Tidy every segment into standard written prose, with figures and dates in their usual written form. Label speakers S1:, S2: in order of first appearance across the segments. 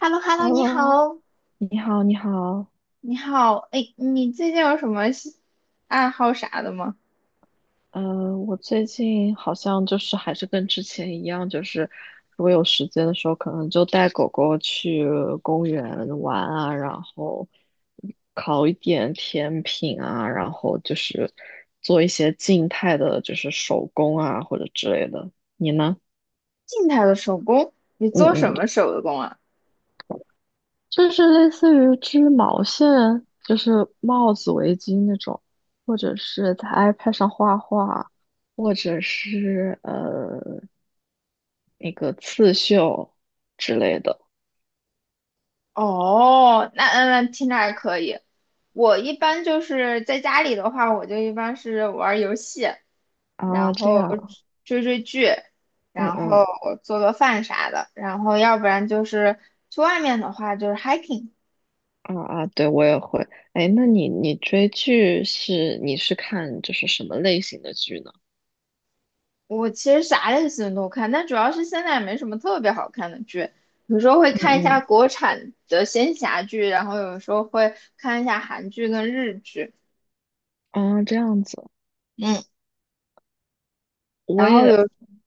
S1: h e l l o h e l l o 你
S2: Hello，
S1: 好。
S2: 你好，你好。
S1: 你好，哎，你最近有什么爱好啥的吗？
S2: 我最近好像就是还是跟之前一样，就是如果有时间的时候，可能就带狗狗去公园玩啊，然后烤一点甜品啊，然后就是做一些静态的，就是手工啊或者之类的。你呢？
S1: 静态的手工，你
S2: 嗯
S1: 做什么
S2: 嗯。
S1: 手工啊？
S2: 就是类似于织毛线，就是帽子、围巾那种，或者是在 iPad 上画画，或者是那个刺绣之类的。
S1: 哦，那听着还可以。我一般就是在家里的话，我就一般是玩儿游戏，
S2: 啊，
S1: 然
S2: 这
S1: 后
S2: 样。
S1: 追追剧，
S2: 嗯
S1: 然
S2: 嗯。
S1: 后做做饭啥的，然后要不然就是去外面的话就是 hiking。
S2: 啊，啊，对我也会。哎，那你追剧是你是看就是什么类型的剧呢？
S1: 我其实啥类型都看，但主要是现在也没什么特别好看的剧，有时候会看一下
S2: 嗯
S1: 国产的仙侠剧，然后有时候会看一下韩剧跟日剧。
S2: 嗯。啊，这样子。
S1: 嗯，
S2: 我
S1: 然后有，
S2: 也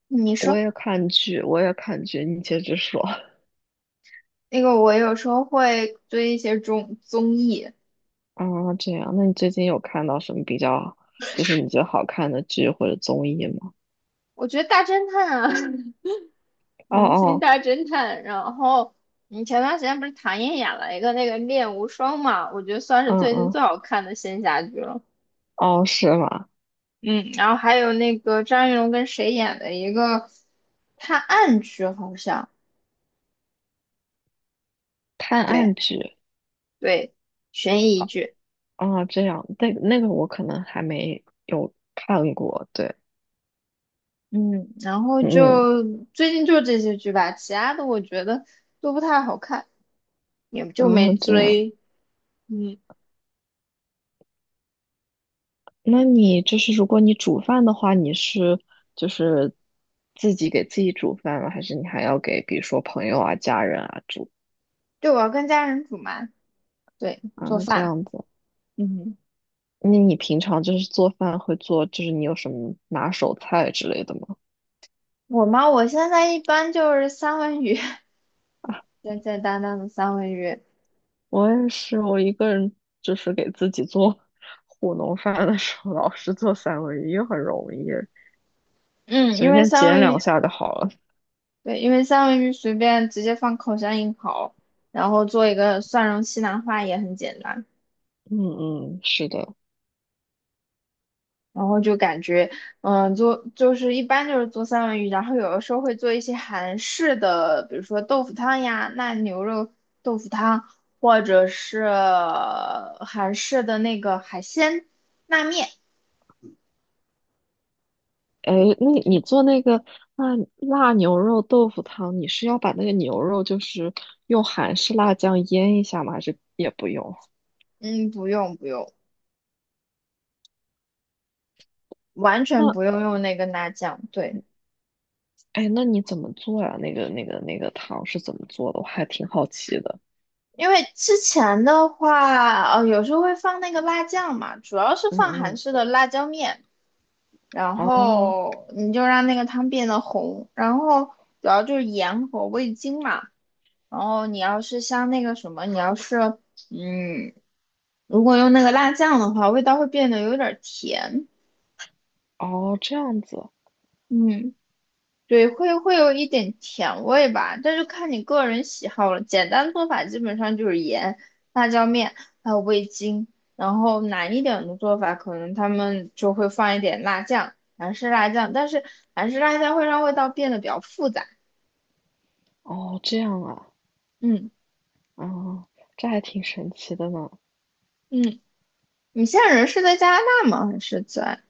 S1: 你
S2: 我
S1: 说
S2: 也看剧，我也看剧，你接着说。
S1: 那个我有时候会追一些综艺。
S2: 啊，这样，那你最近有看到什么比较，就是你觉得好看的剧或者综艺吗？
S1: 我觉得大侦探啊，
S2: 哦
S1: 明星
S2: 哦。
S1: 大侦探，然后你前段时间不是唐嫣演了一个那个《恋无双》嘛，我觉得算是
S2: 嗯
S1: 最近
S2: 嗯。
S1: 最好看的仙侠剧了。
S2: 哦，是吗？
S1: 嗯，然后还有那个张云龙跟谁演的一个探案剧，好像
S2: 探
S1: 对
S2: 案剧。
S1: 对，悬疑
S2: 哦
S1: 剧。
S2: 哦，这样，那那个我可能还没有看过，对。
S1: 嗯，然后
S2: 嗯，
S1: 就最近就这些剧吧，其他的我觉得都不太好看，也就
S2: 然后
S1: 没
S2: 这样，
S1: 追。嗯，
S2: 那你就是如果你煮饭的话，你是就是自己给自己煮饭吗？还是你还要给比如说朋友啊、家人啊煮。
S1: 对，我要跟家人煮嘛，对，
S2: 啊
S1: 做
S2: 这
S1: 饭。
S2: 样子？
S1: 嗯，
S2: 那你平常就是做饭会做，就是你有什么拿手菜之类的吗？
S1: 我现在一般就是三文鱼，
S2: 啊，
S1: 简简单单的三文鱼。
S2: 我也是，我一个人就是给自己做 糊弄饭的时候，老是做三文鱼很容易，
S1: 嗯，因
S2: 随
S1: 为
S2: 便
S1: 三
S2: 煎
S1: 文
S2: 两
S1: 鱼
S2: 下就好了。
S1: 对，因为三文鱼随便直接放烤箱一烤，然后做一个蒜蓉西兰花也很简单。
S2: 嗯嗯，是的。
S1: 然后就感觉，嗯，做就是一般就是做三文鱼，然后有的时候会做一些韩式的，比如说豆腐汤呀、那牛肉豆腐汤，或者是韩式的那个海鲜拉面。
S2: 哎，那你做那个辣辣牛肉豆腐汤，你是要把那个牛肉就是用韩式辣酱腌一下吗？还是也不用？
S1: 嗯，不用不用，完全
S2: 那
S1: 不用用那个辣酱。对。
S2: 哎，那你怎么做呀？那个汤是怎么做的？我还挺好奇的。
S1: 因为之前的话，有时候会放那个辣酱嘛，主要是
S2: 嗯
S1: 放韩
S2: 嗯。
S1: 式的辣椒面，然
S2: 哦
S1: 后你就让那个汤变得红，然后主要就是盐和味精嘛。然后你要是像那个什么，你要是嗯，如果用那个辣酱的话，味道会变得有点儿甜。
S2: 哦，这样子。
S1: 嗯。对，会有一点甜味吧，但是看你个人喜好了。简单做法基本上就是盐、辣椒面，还有味精。然后难一点的做法，可能他们就会放一点辣酱，韩式辣酱。但是韩式辣酱会让味道变得比较复杂。
S2: 哦这样啊。
S1: 嗯
S2: 嗯，这还挺神奇的呢。
S1: 嗯，你现在人是在加拿大吗？还是在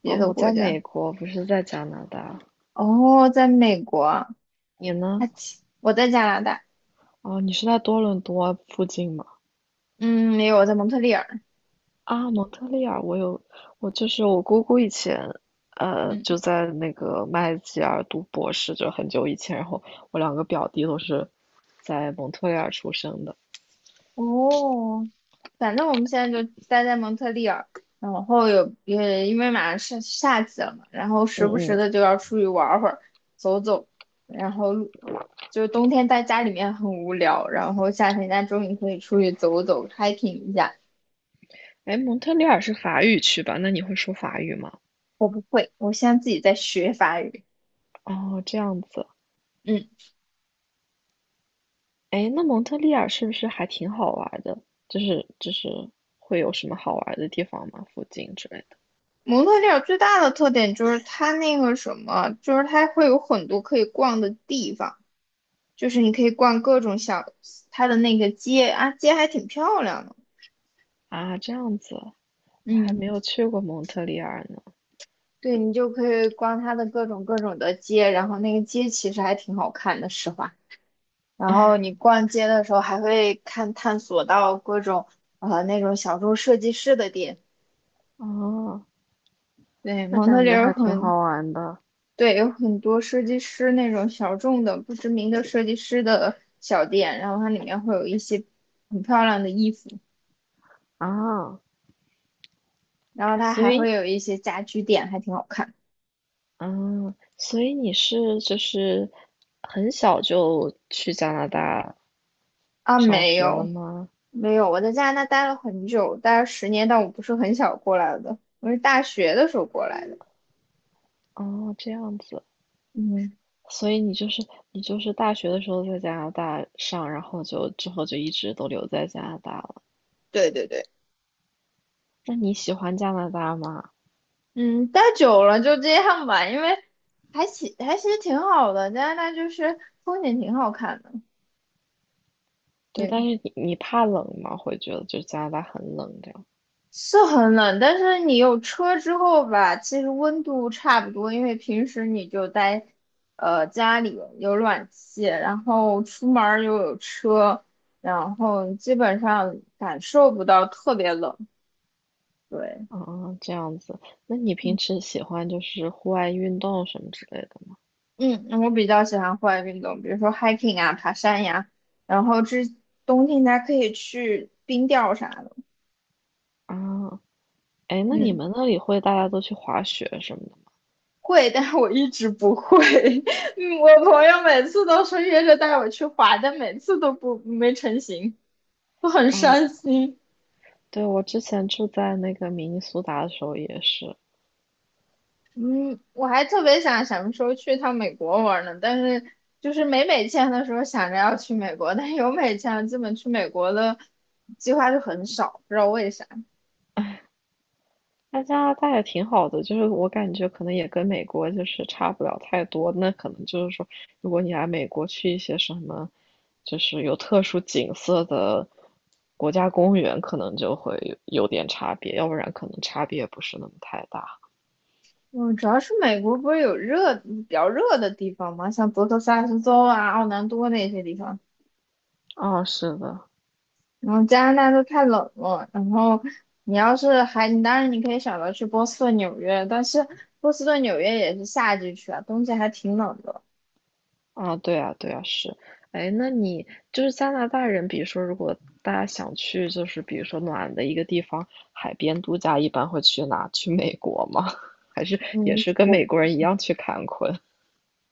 S1: 别
S2: 哦，
S1: 的
S2: 我
S1: 国
S2: 在
S1: 家？
S2: 美国，不是在加拿大。
S1: 哦，在美国。啊，
S2: 你呢？
S1: 我在加拿大。
S2: 哦，你是在多伦多附近吗？
S1: 嗯，没有，我在蒙特利尔。
S2: 啊，蒙特利尔，我有，我就是我姑姑以前，
S1: 嗯。
S2: 就在那个麦吉尔读博士，就很久以前。然后我两个表弟都是在蒙特利尔出生的。
S1: 哦，反正我们现在就待在蒙特利尔，然后也因为马上是夏季了嘛，然后
S2: 嗯
S1: 时不时
S2: 嗯。
S1: 的就要出去玩会儿，走走，然后就冬天在家里面很无聊，然后夏天家终于可以出去走走，hiking 一下。
S2: 哎，蒙特利尔是法语区吧？那你会说法语吗？
S1: 我不会，我现在自己在学法语。
S2: 哦，这样子。
S1: 嗯，
S2: 哎，那蒙特利尔是不是还挺好玩的？就是会有什么好玩的地方吗？附近之类的？
S1: 蒙特利尔最大的特点就是它那个什么，就是它会有很多可以逛的地方。就是你可以逛各种小，它的那个街啊，街还挺漂亮的。
S2: 啊，这样子，我还
S1: 嗯，
S2: 没有去过蒙特利尔呢。
S1: 对，你就可以逛它的各种各种的街，然后那个街其实还挺好看的，实话。然后你 逛街的时候还会看探索到各种那种小众设计师的店，
S2: 哦，
S1: 对，
S2: 那
S1: 蒙特
S2: 感
S1: 利
S2: 觉
S1: 尔
S2: 还挺
S1: 很，
S2: 好玩的
S1: 对，有很多设计师那种小众的、不知名的设计师的小店，然后它里面会有一些很漂亮的衣服，
S2: 啊。
S1: 然后它
S2: 所
S1: 还会
S2: 以，
S1: 有一些家居店，还挺好看的。
S2: 嗯，所以你是就是很小就去加拿大
S1: 啊，
S2: 上
S1: 没
S2: 学了
S1: 有
S2: 吗？
S1: 没有，我在加拿大待了很久，待了10年，但我不是很小过来的，我是大学的时候过来的。
S2: 哦，这样子。
S1: 嗯，
S2: 所以你就是大学的时候在加拿大上，然后就之后就一直都留在加拿大了。
S1: 对对对，
S2: 那你喜欢加拿大吗？
S1: 嗯，待久了就这样吧，因为还其还其实挺好的，加拿大就是风景挺好看的。
S2: 对，
S1: 对。
S2: 但是你怕冷吗？会觉得就加拿大很冷这样。
S1: 是很冷，但是你有车之后吧，其实温度差不多，因为平时你就待，家里有暖气，然后出门儿又有车，然后基本上感受不到特别冷。对，
S2: 啊，这样子。那你平时喜欢就是户外运动什么之类的吗？
S1: 嗯，我比较喜欢户外运动，比如说 hiking 啊，爬山呀，然后冬天还可以去冰钓啥的。
S2: 啊，哎，那你
S1: 嗯。
S2: 们那里会大家都去滑雪什么
S1: 会，但是我一直不会。嗯，我朋友每次都说约着带我去滑，但每次都不没成行，
S2: 的吗？
S1: 都很
S2: 哦，
S1: 伤心。
S2: 对，我之前住在那个明尼苏达的时候也是。
S1: 嗯，我还特别想什么时候去趟美国玩呢，但是就是没美签的时候想着要去美国，但是有美签了基本去美国的计划就很少，不知道为啥。
S2: 那加拿大也挺好的，就是我感觉可能也跟美国就是差不了太多。那可能就是说，如果你来美国去一些什么，就是有特殊景色的国家公园，可能就会有有点差别，要不然可能差别不是那么太大。
S1: 嗯，主要是美国不是有热比较热的地方吗？像德克萨斯州啊、奥兰多那些地方。
S2: 哦，是的。
S1: 然后加拿大都太冷了，然后你要是还，你当然你可以选择去波士顿、纽约，但是波士顿、纽约也是夏季去啊，冬季还挺冷的。
S2: 啊，对啊，对啊，是。哎，那你就是加拿大人，比如说，如果大家想去，就是比如说暖的一个地方，海边度假，一般会去哪？去美国吗？还是也
S1: 嗯，
S2: 是跟美国人一样去坎昆？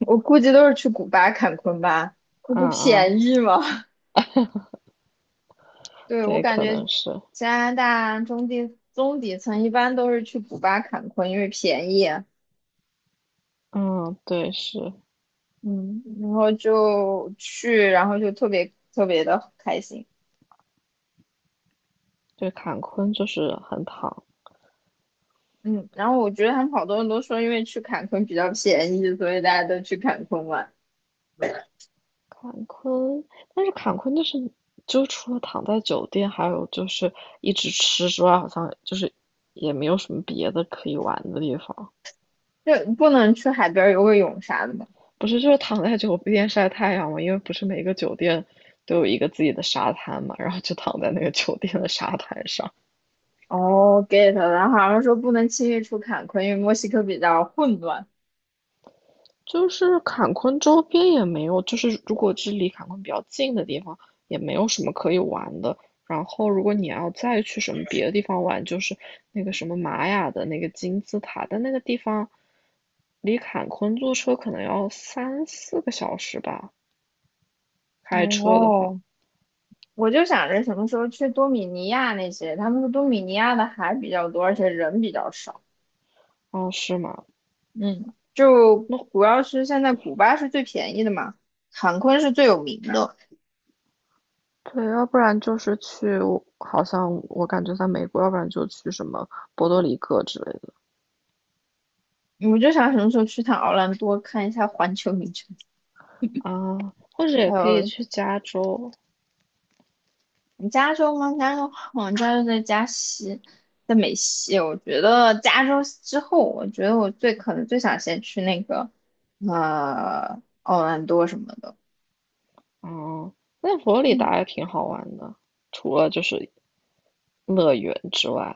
S1: 我估计都是去古巴、坎昆吧，那
S2: 嗯
S1: 不
S2: 嗯，
S1: 便宜吗？对，我
S2: 对，
S1: 感
S2: 可
S1: 觉
S2: 能是。
S1: 加拿大中底层一般都是去古巴、坎昆，因为便宜啊。
S2: 嗯，对，是，
S1: 嗯，然后就去，然后就特别特别的开心。
S2: 对，坎昆就是很躺。
S1: 嗯，然后我觉得他们好多人都说，因为去坎昆比较便宜，所以大家都去坎昆玩。
S2: 坎昆，但是坎昆就是，就除了躺在酒店，还有就是一直吃之外，好像就是也没有什么别的可以玩的地方。
S1: 就不能去海边游个泳啥的吗？
S2: 不是，就是躺在酒店晒太阳嘛，因为不是每个酒店都有一个自己的沙滩嘛，然后就躺在那个酒店的沙滩上。
S1: 哦，get 了。然后好像说不能轻易出坎昆，因为墨西哥比较混乱。
S2: 就是坎昆周边也没有，就是如果是离坎昆比较近的地方，也没有什么可以玩的。然后，如果你要再去什么别的地方玩，就是那个什么玛雅的那个金字塔，但那个地方离坎昆坐车可能要3、4个小时吧，开车的话。
S1: 哦，我就想着什么时候去多米尼亚那些，他们说多米尼亚的海比较多，而且人比较少。
S2: 哦，是吗？
S1: 嗯，就
S2: 那
S1: 主要是现在古巴是最便宜的嘛，坎昆是最有名的。
S2: 对，要不然就是去，好像我感觉在美国，要不然就去什么波多黎各之类的。
S1: 我就想什么时候去趟奥兰多看一下环球影城，
S2: 啊，或者也
S1: 还
S2: 可以
S1: 有
S2: 去加州。
S1: 你加州吗？加州在加西，在美西。我觉得加州之后，我觉得我最可能最想先去那个，奥兰多什么的。
S2: 哦，那佛罗里
S1: 嗯，
S2: 达也挺好玩的，除了就是乐园之外，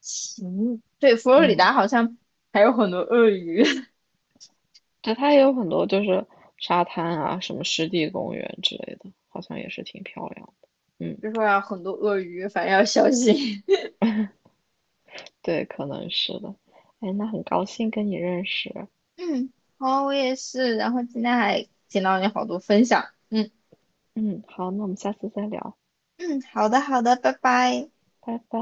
S1: 行，对，佛罗里
S2: 嗯，
S1: 达好像还有很多鳄鱼，
S2: 对，它也有很多就是沙滩啊，什么湿地公园之类的，好像也是挺漂亮的。嗯，
S1: 就说要很多鳄鱼，反正要小心。
S2: 对，可能是的。哎，那很高兴跟你认识。
S1: 嗯，好，我也是。然后今天还听到你好多分享。嗯
S2: 嗯，好，那我们下次再聊，
S1: 嗯，好的好的，拜拜。
S2: 拜拜。